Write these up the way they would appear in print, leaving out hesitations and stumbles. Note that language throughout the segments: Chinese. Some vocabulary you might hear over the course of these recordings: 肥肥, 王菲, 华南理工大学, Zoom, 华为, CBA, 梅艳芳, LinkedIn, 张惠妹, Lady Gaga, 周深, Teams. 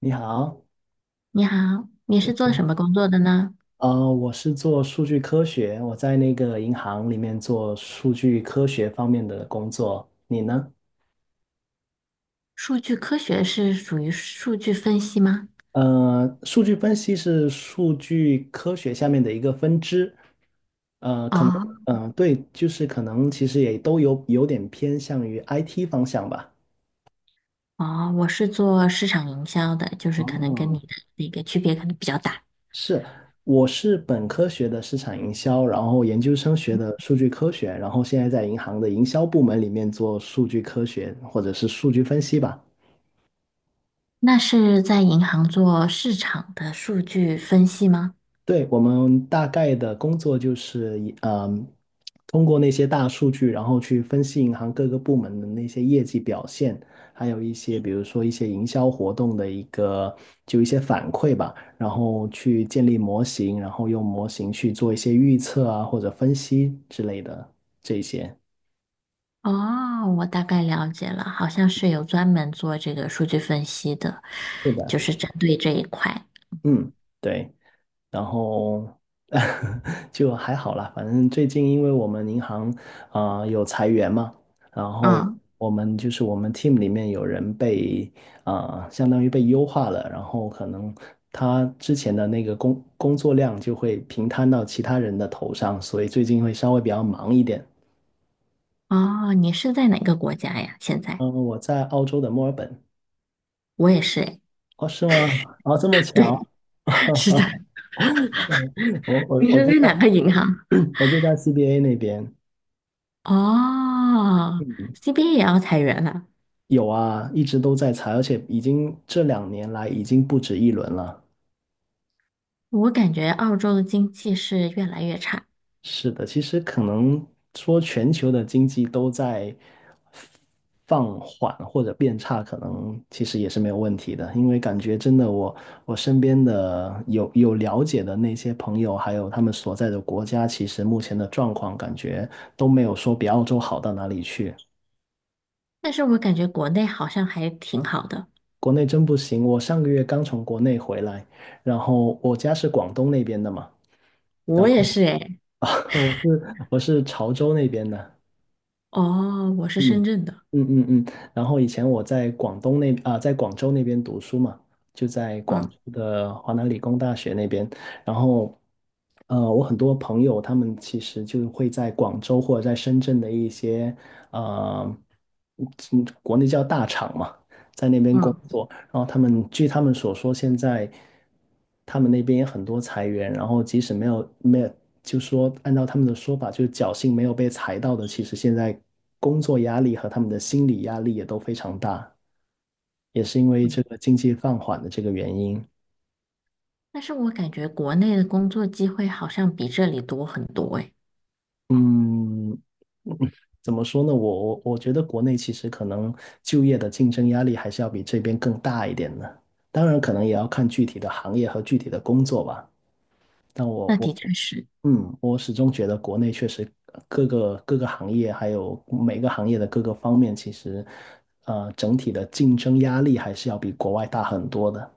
你好。你好，你对，是做什么工作的呢？我是做数据科学，我在那个银行里面做数据科学方面的工作。你呢？数据科学是属于数据分析吗？数据分析是数据科学下面的一个分支。哦嗯、对，就是可能其实也都有点偏向于 IT 方向吧。哦，我是做市场营销的，就是可能跟你哦，的那个区别可能比较大。是，我是本科学的市场营销，然后研究生学的数据科学，然后现在在银行的营销部门里面做数据科学或者是数据分析吧。那是在银行做市场的数据分析吗？对，我们大概的工作就是以通过那些大数据，然后去分析银行各个部门的那些业绩表现，还有一些比如说一些营销活动的一个就一些反馈吧，然后去建立模型，然后用模型去做一些预测啊或者分析之类的这些。哦，我大概了解了，好像是有专门做这个数据分析的，是就的。是针对这一块。嗯，对。然后 就还好啦。反正最近因为我们银行有裁员嘛，然后嗯，我们 team 里面有人被相当于被优化了，然后可能他之前的那个工作量就会平摊到其他人的头上，所以最近会稍微比较忙一点。哦，你是在哪个国家呀？现在嗯、我在澳洲的墨尔本。我也是诶，哦，是吗？哦，这么对，巧。是的。我我你我是就在在 哪个银行？我就在 CBA 那边。哦，CBA 也要裁员了。有啊，一直都在裁，而且已经这两年来已经不止一轮了。我感觉澳洲的经济是越来越差，是的，其实可能说全球的经济都在放缓或者变差，可能其实也是没有问题的。因为感觉真的我，我身边的有了解的那些朋友，还有他们所在的国家，其实目前的状况感觉都没有说比澳洲好到哪里去。但是我感觉国内好像还挺好的。国内真不行，我上个月刚从国内回来，然后我家是广东那边的嘛。然我也是诶，我是潮州那边的。哦，我是深嗯圳的，嗯。然后以前我在广东那在广州那边读书嘛，就在广州嗯的华南理工大学那边。然后，我很多朋友他们其实就会在广州或者在深圳的一些呃，国内叫大厂嘛，在那边工嗯作。然后他们据他们所说，现在他们那边也很多裁员，然后即使没有，就说按照他们的说法，就是侥幸没有被裁到的，其实现在工作压力和他们的心理压力也都非常大，也是因为嗯，这个经济放缓的这个原因。但是我感觉国内的工作机会好像比这里多很多诶。嗯，怎么说呢？我觉得国内其实可能就业的竞争压力还是要比这边更大一点的，当然可能也要看具体的行业和具体的工作吧。但我那我的确是，嗯，我始终觉得国内确实各个行业，还有每个行业的各个方面，其实整体的竞争压力还是要比国外大很多的。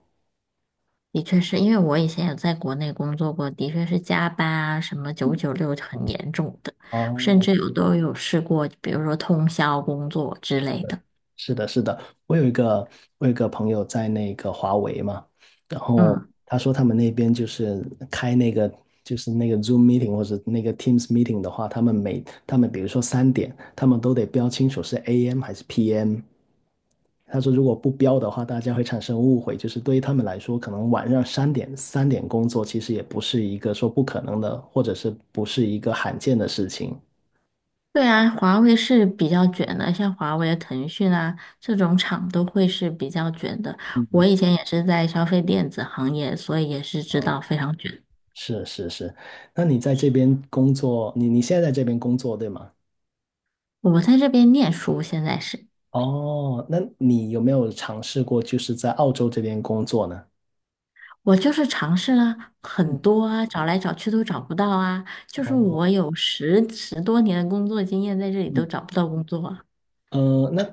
的确是因为我以前有在国内工作过，的确是加班啊，什么九九六很严重的，甚哦，至有都有试过，比如说通宵工作之类的。是的，是的。我有一个我有一个朋友在那个华为嘛，然后嗯。他说他们那边就是开那个就是那个 Zoom meeting 或者那个 Teams meeting 的话，他们比如说三点，他们都得标清楚是 AM 还是 PM。他说，如果不标的话，大家会产生误会，就是对于他们来说，可能晚上三点工作，其实也不是一个说不可能的，或者是不是一个罕见的事情。对啊，华为是比较卷的，像华为、腾讯啊这种厂都会是比较卷的。我嗯，以前也是在消费电子行业，所以也是知道非常卷。是是是。那你在这边工作，你现在在这边工作，对吗？我在这边念书，现在是哦，那你有没有尝试过就是在澳洲这边工作呢？我就是尝试了嗯很多啊，找来找去都找不到啊。就是我哦。有十多年的工作经验，在这里都嗯。找不到工作啊。呃，那，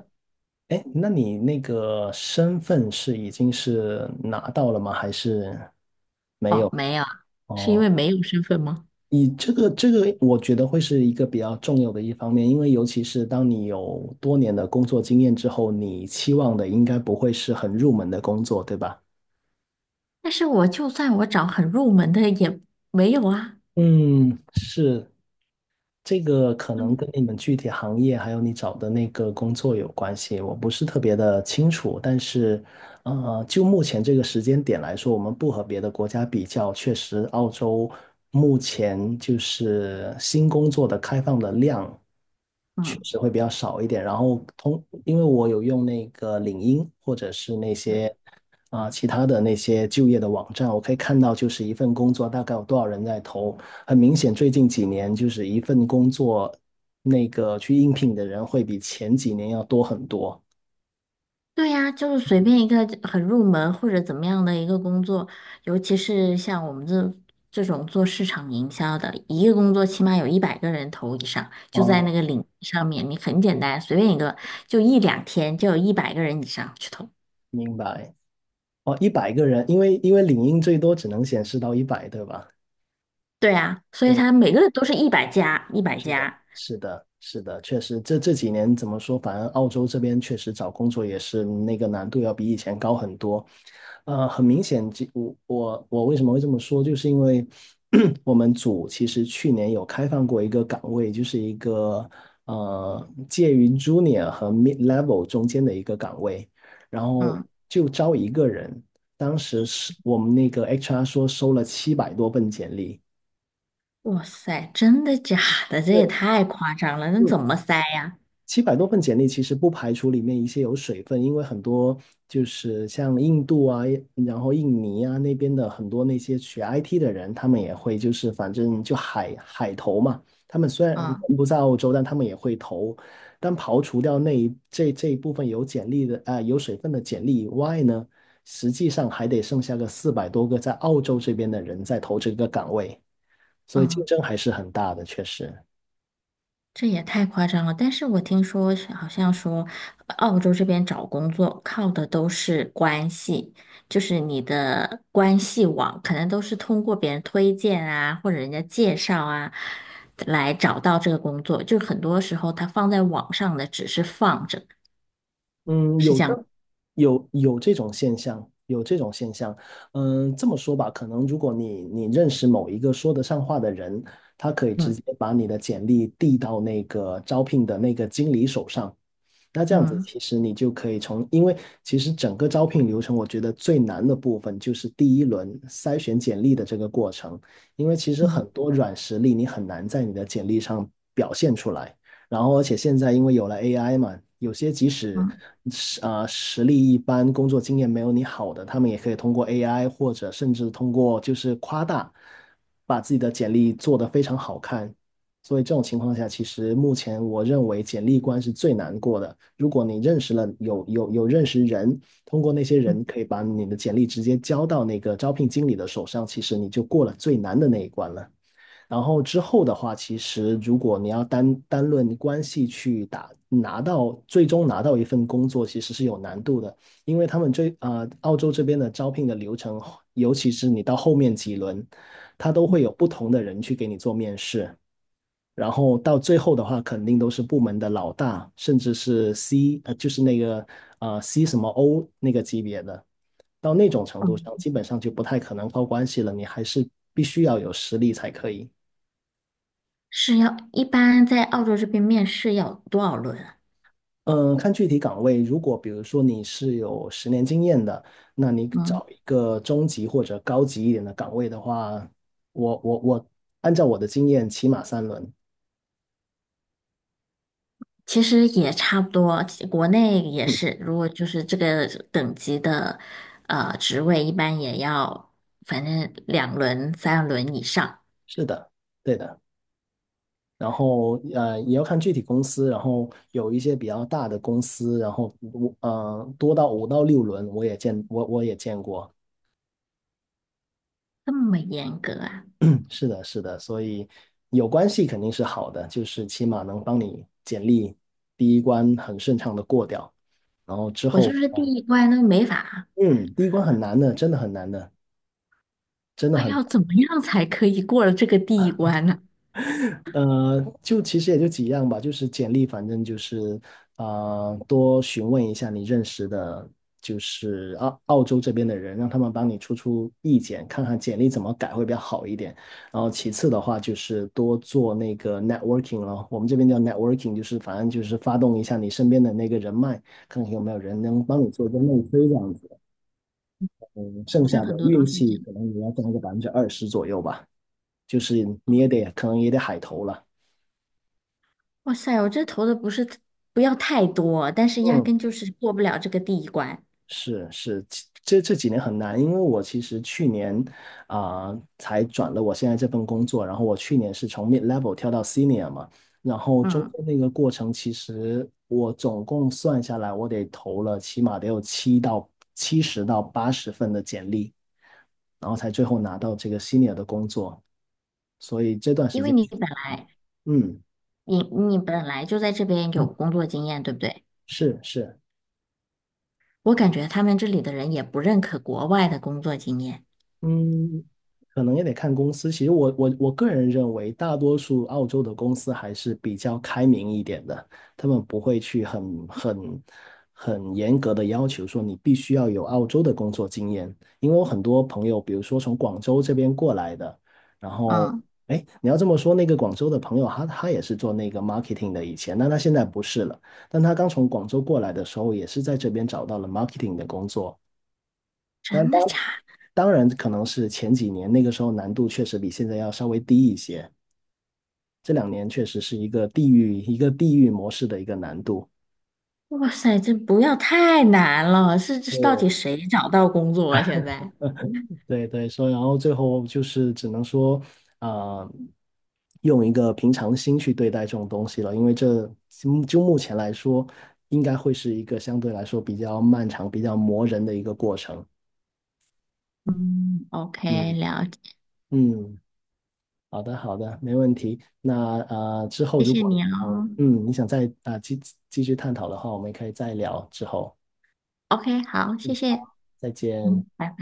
哎，那你那个身份是已经是拿到了吗？还是没哦，有？没有啊，是因哦，为没有身份吗？你这个，我觉得会是一个比较重要的一方面，因为尤其是当你有多年的工作经验之后，你期望的应该不会是很入门的工作，对吧？但是我就算我找很入门的也没有啊。嗯，是。这个可能跟你们具体行业还有你找的那个工作有关系，我不是特别的清楚，但是，就目前这个时间点来说，我们不和别的国家比较，确实澳洲目前就是新工作的开放的量。确嗯。实会比较少一点。然后通，因为我有用那个领英或者是那些其他的那些就业的网站，我可以看到就是一份工作大概有多少人在投。很明显，最近几年就是一份工作那个去应聘的人会比前几年要多很多。对呀，就是随便一个很入门或者怎么样的一个工作，尤其是像我们这种做市场营销的，一个工作起码有一百个人投以上，就在那哦，个领域上面，你很简单，随便一个，就一两天就有一百个人以上去投。明白。哦，100个人。因为因为领英最多只能显示到一百，对吧？对啊，所以对，他每个人都是一百加，一百加。是的，是的，确实。这这几年怎么说，反正澳洲这边确实找工作也是那个难度要比以前高很多。很明显，这我为什么会这么说，就是因为 我们组其实去年有开放过一个岗位，就是一个介于 junior 和 mid level 中间的一个岗位，然后嗯，就招一个人，当时是我们那个 HR 说收了700多份简历。哇塞，真的假的？这也对。太夸张了，那嗯。怎么塞呀？七百多份简历其实不排除里面一些有水分，因为很多就是像印度啊，然后印尼啊那边的很多那些学 IT 的人，他们也会就是反正就海投嘛，他们虽然人嗯不在澳洲，但他们也会投。但刨除掉那一这一部分有简历的有水分的简历以外呢，实际上还得剩下个400多个在澳洲这边的人在投这个岗位，所以竞嗯。争还是很大的，确实。这也太夸张了，但是我听说是好像说，澳洲这边找工作靠的都是关系，就是你的关系网，可能都是通过别人推荐啊，或者人家介绍啊，来找到这个工作。就很多时候他放在网上的只是放着，嗯，是有这的。样。有有这种现象，有这种现象。嗯，这么说吧，可能如果你认识某一个说得上话的人，他可以直接嗯把你的简历递到那个招聘的那个经理手上。那这样子，嗯其实你就可以从，因为其实整个招聘流程，我觉得最难的部分就是第1轮筛选简历的这个过程，因为其实嗯很多软实力你很难在你的简历上表现出来。然后而且现在因为有了 AI 嘛，有些即使嗯实力一般、工作经验没有你好的，他们也可以通过 AI 或者甚至通过就是夸大，把自己的简历做得非常好看。所以这种情况下，其实目前我认为简历关是最难过的。如果你认识了有认识人，通过那些人可以把你的简历直接交到那个招聘经理的手上，其实你就过了最难的那一关了。然后之后的话，其实如果你要单单论关系去打拿到最终拿到一份工作，其实是有难度的，因为他们这澳洲这边的招聘的流程，尤其是你到后面几轮，他都会有不同的人去给你做面试，然后到最后的话，肯定都是部门的老大，甚至是 就是那个C 什么 O 那个级别的。到那种程度上，嗯，基本上就不太可能靠关系了，你还是必须要有实力才可以。是要一般在澳洲这边面试要多少轮啊？嗯，看具体岗位。如果比如说你是有10年经验的，那你找嗯一个中级或者高级一点的岗位的话，我我我按照我的经验，起码3轮。其实也差不多，国内也嗯，是，如果就是这个等级的职位，一般也要反正2轮、3轮以上，是的，对的。然后也要看具体公司。然后有一些比较大的公司，然后我多到5到6轮，我也见过。这么严格啊！是的，是的。所以有关系肯定是好的，就是起码能帮你简历第一关很顺畅的过掉。然后之我就后，是第一关都没法，嗯，第一关很难的，真的很难的，真的哇，很难，要怎么样才可以过了这个第一关呢？就其实也就几样吧，就是简历，反正就是多询问一下你认识的，就是澳洲这边的人，让他们帮你出出意见，看看简历怎么改会比较好一点。然后其次的话，就是多做那个 networking 咯，我们这边叫 networking，就是反正就是发动一下你身边的那个人脉，看看有没有人能帮你做一个内推这样子。好剩像下很的多都运是这气样。可能也要占一个20%左右吧，就是你也哦得可能也得海投了。哇塞，我这投的不是不要太多，但是压嗯，根就是过不了这个第一关。是是，这几年很难，因为我其实去年才转了我现在这份工作，然后我去年是从 mid level 跳到 senior 嘛，然后中嗯，间那个过程，其实我总共算下来，我得投了起码得有70到80份的简历，然后才最后拿到这个 senior 的工作，所以这段时因为间，你本来嗯，你你本来就在这边有工作经验，对不对？是是。我感觉他们这里的人也不认可国外的工作经验。嗯，可能也得看公司。其实我个人认为，大多数澳洲的公司还是比较开明一点的，他们不会去很严格的要求说你必须要有澳洲的工作经验。因为我很多朋友，比如说从广州这边过来的，然后嗯，哎，你要这么说，那个广州的朋友他也是做那个 marketing 的以前，但他现在不是了。但他刚从广州过来的时候，也是在这边找到了 marketing 的工作。但真当。的假当然，可能是前几年那个时候难度确实比现在要稍微低一些，这2年确实是一个地域模式的一个难度。的？哇塞，这不要太难了，是这到对底谁找到工作啊？现在？对对，所以然后最后就是只能说，啊、用一个平常心去对待这种东西了，因为这就目前来说，应该会是一个相对来说比较漫长、比较磨人的一个过程。嗯，OK,嗯了解，嗯。好的，好的，没问题。那之后谢如谢果你你想，哦。嗯，你想再继续探讨的话，我们可以再聊。之后 OK,好，谢谢。再见。嗯，拜拜。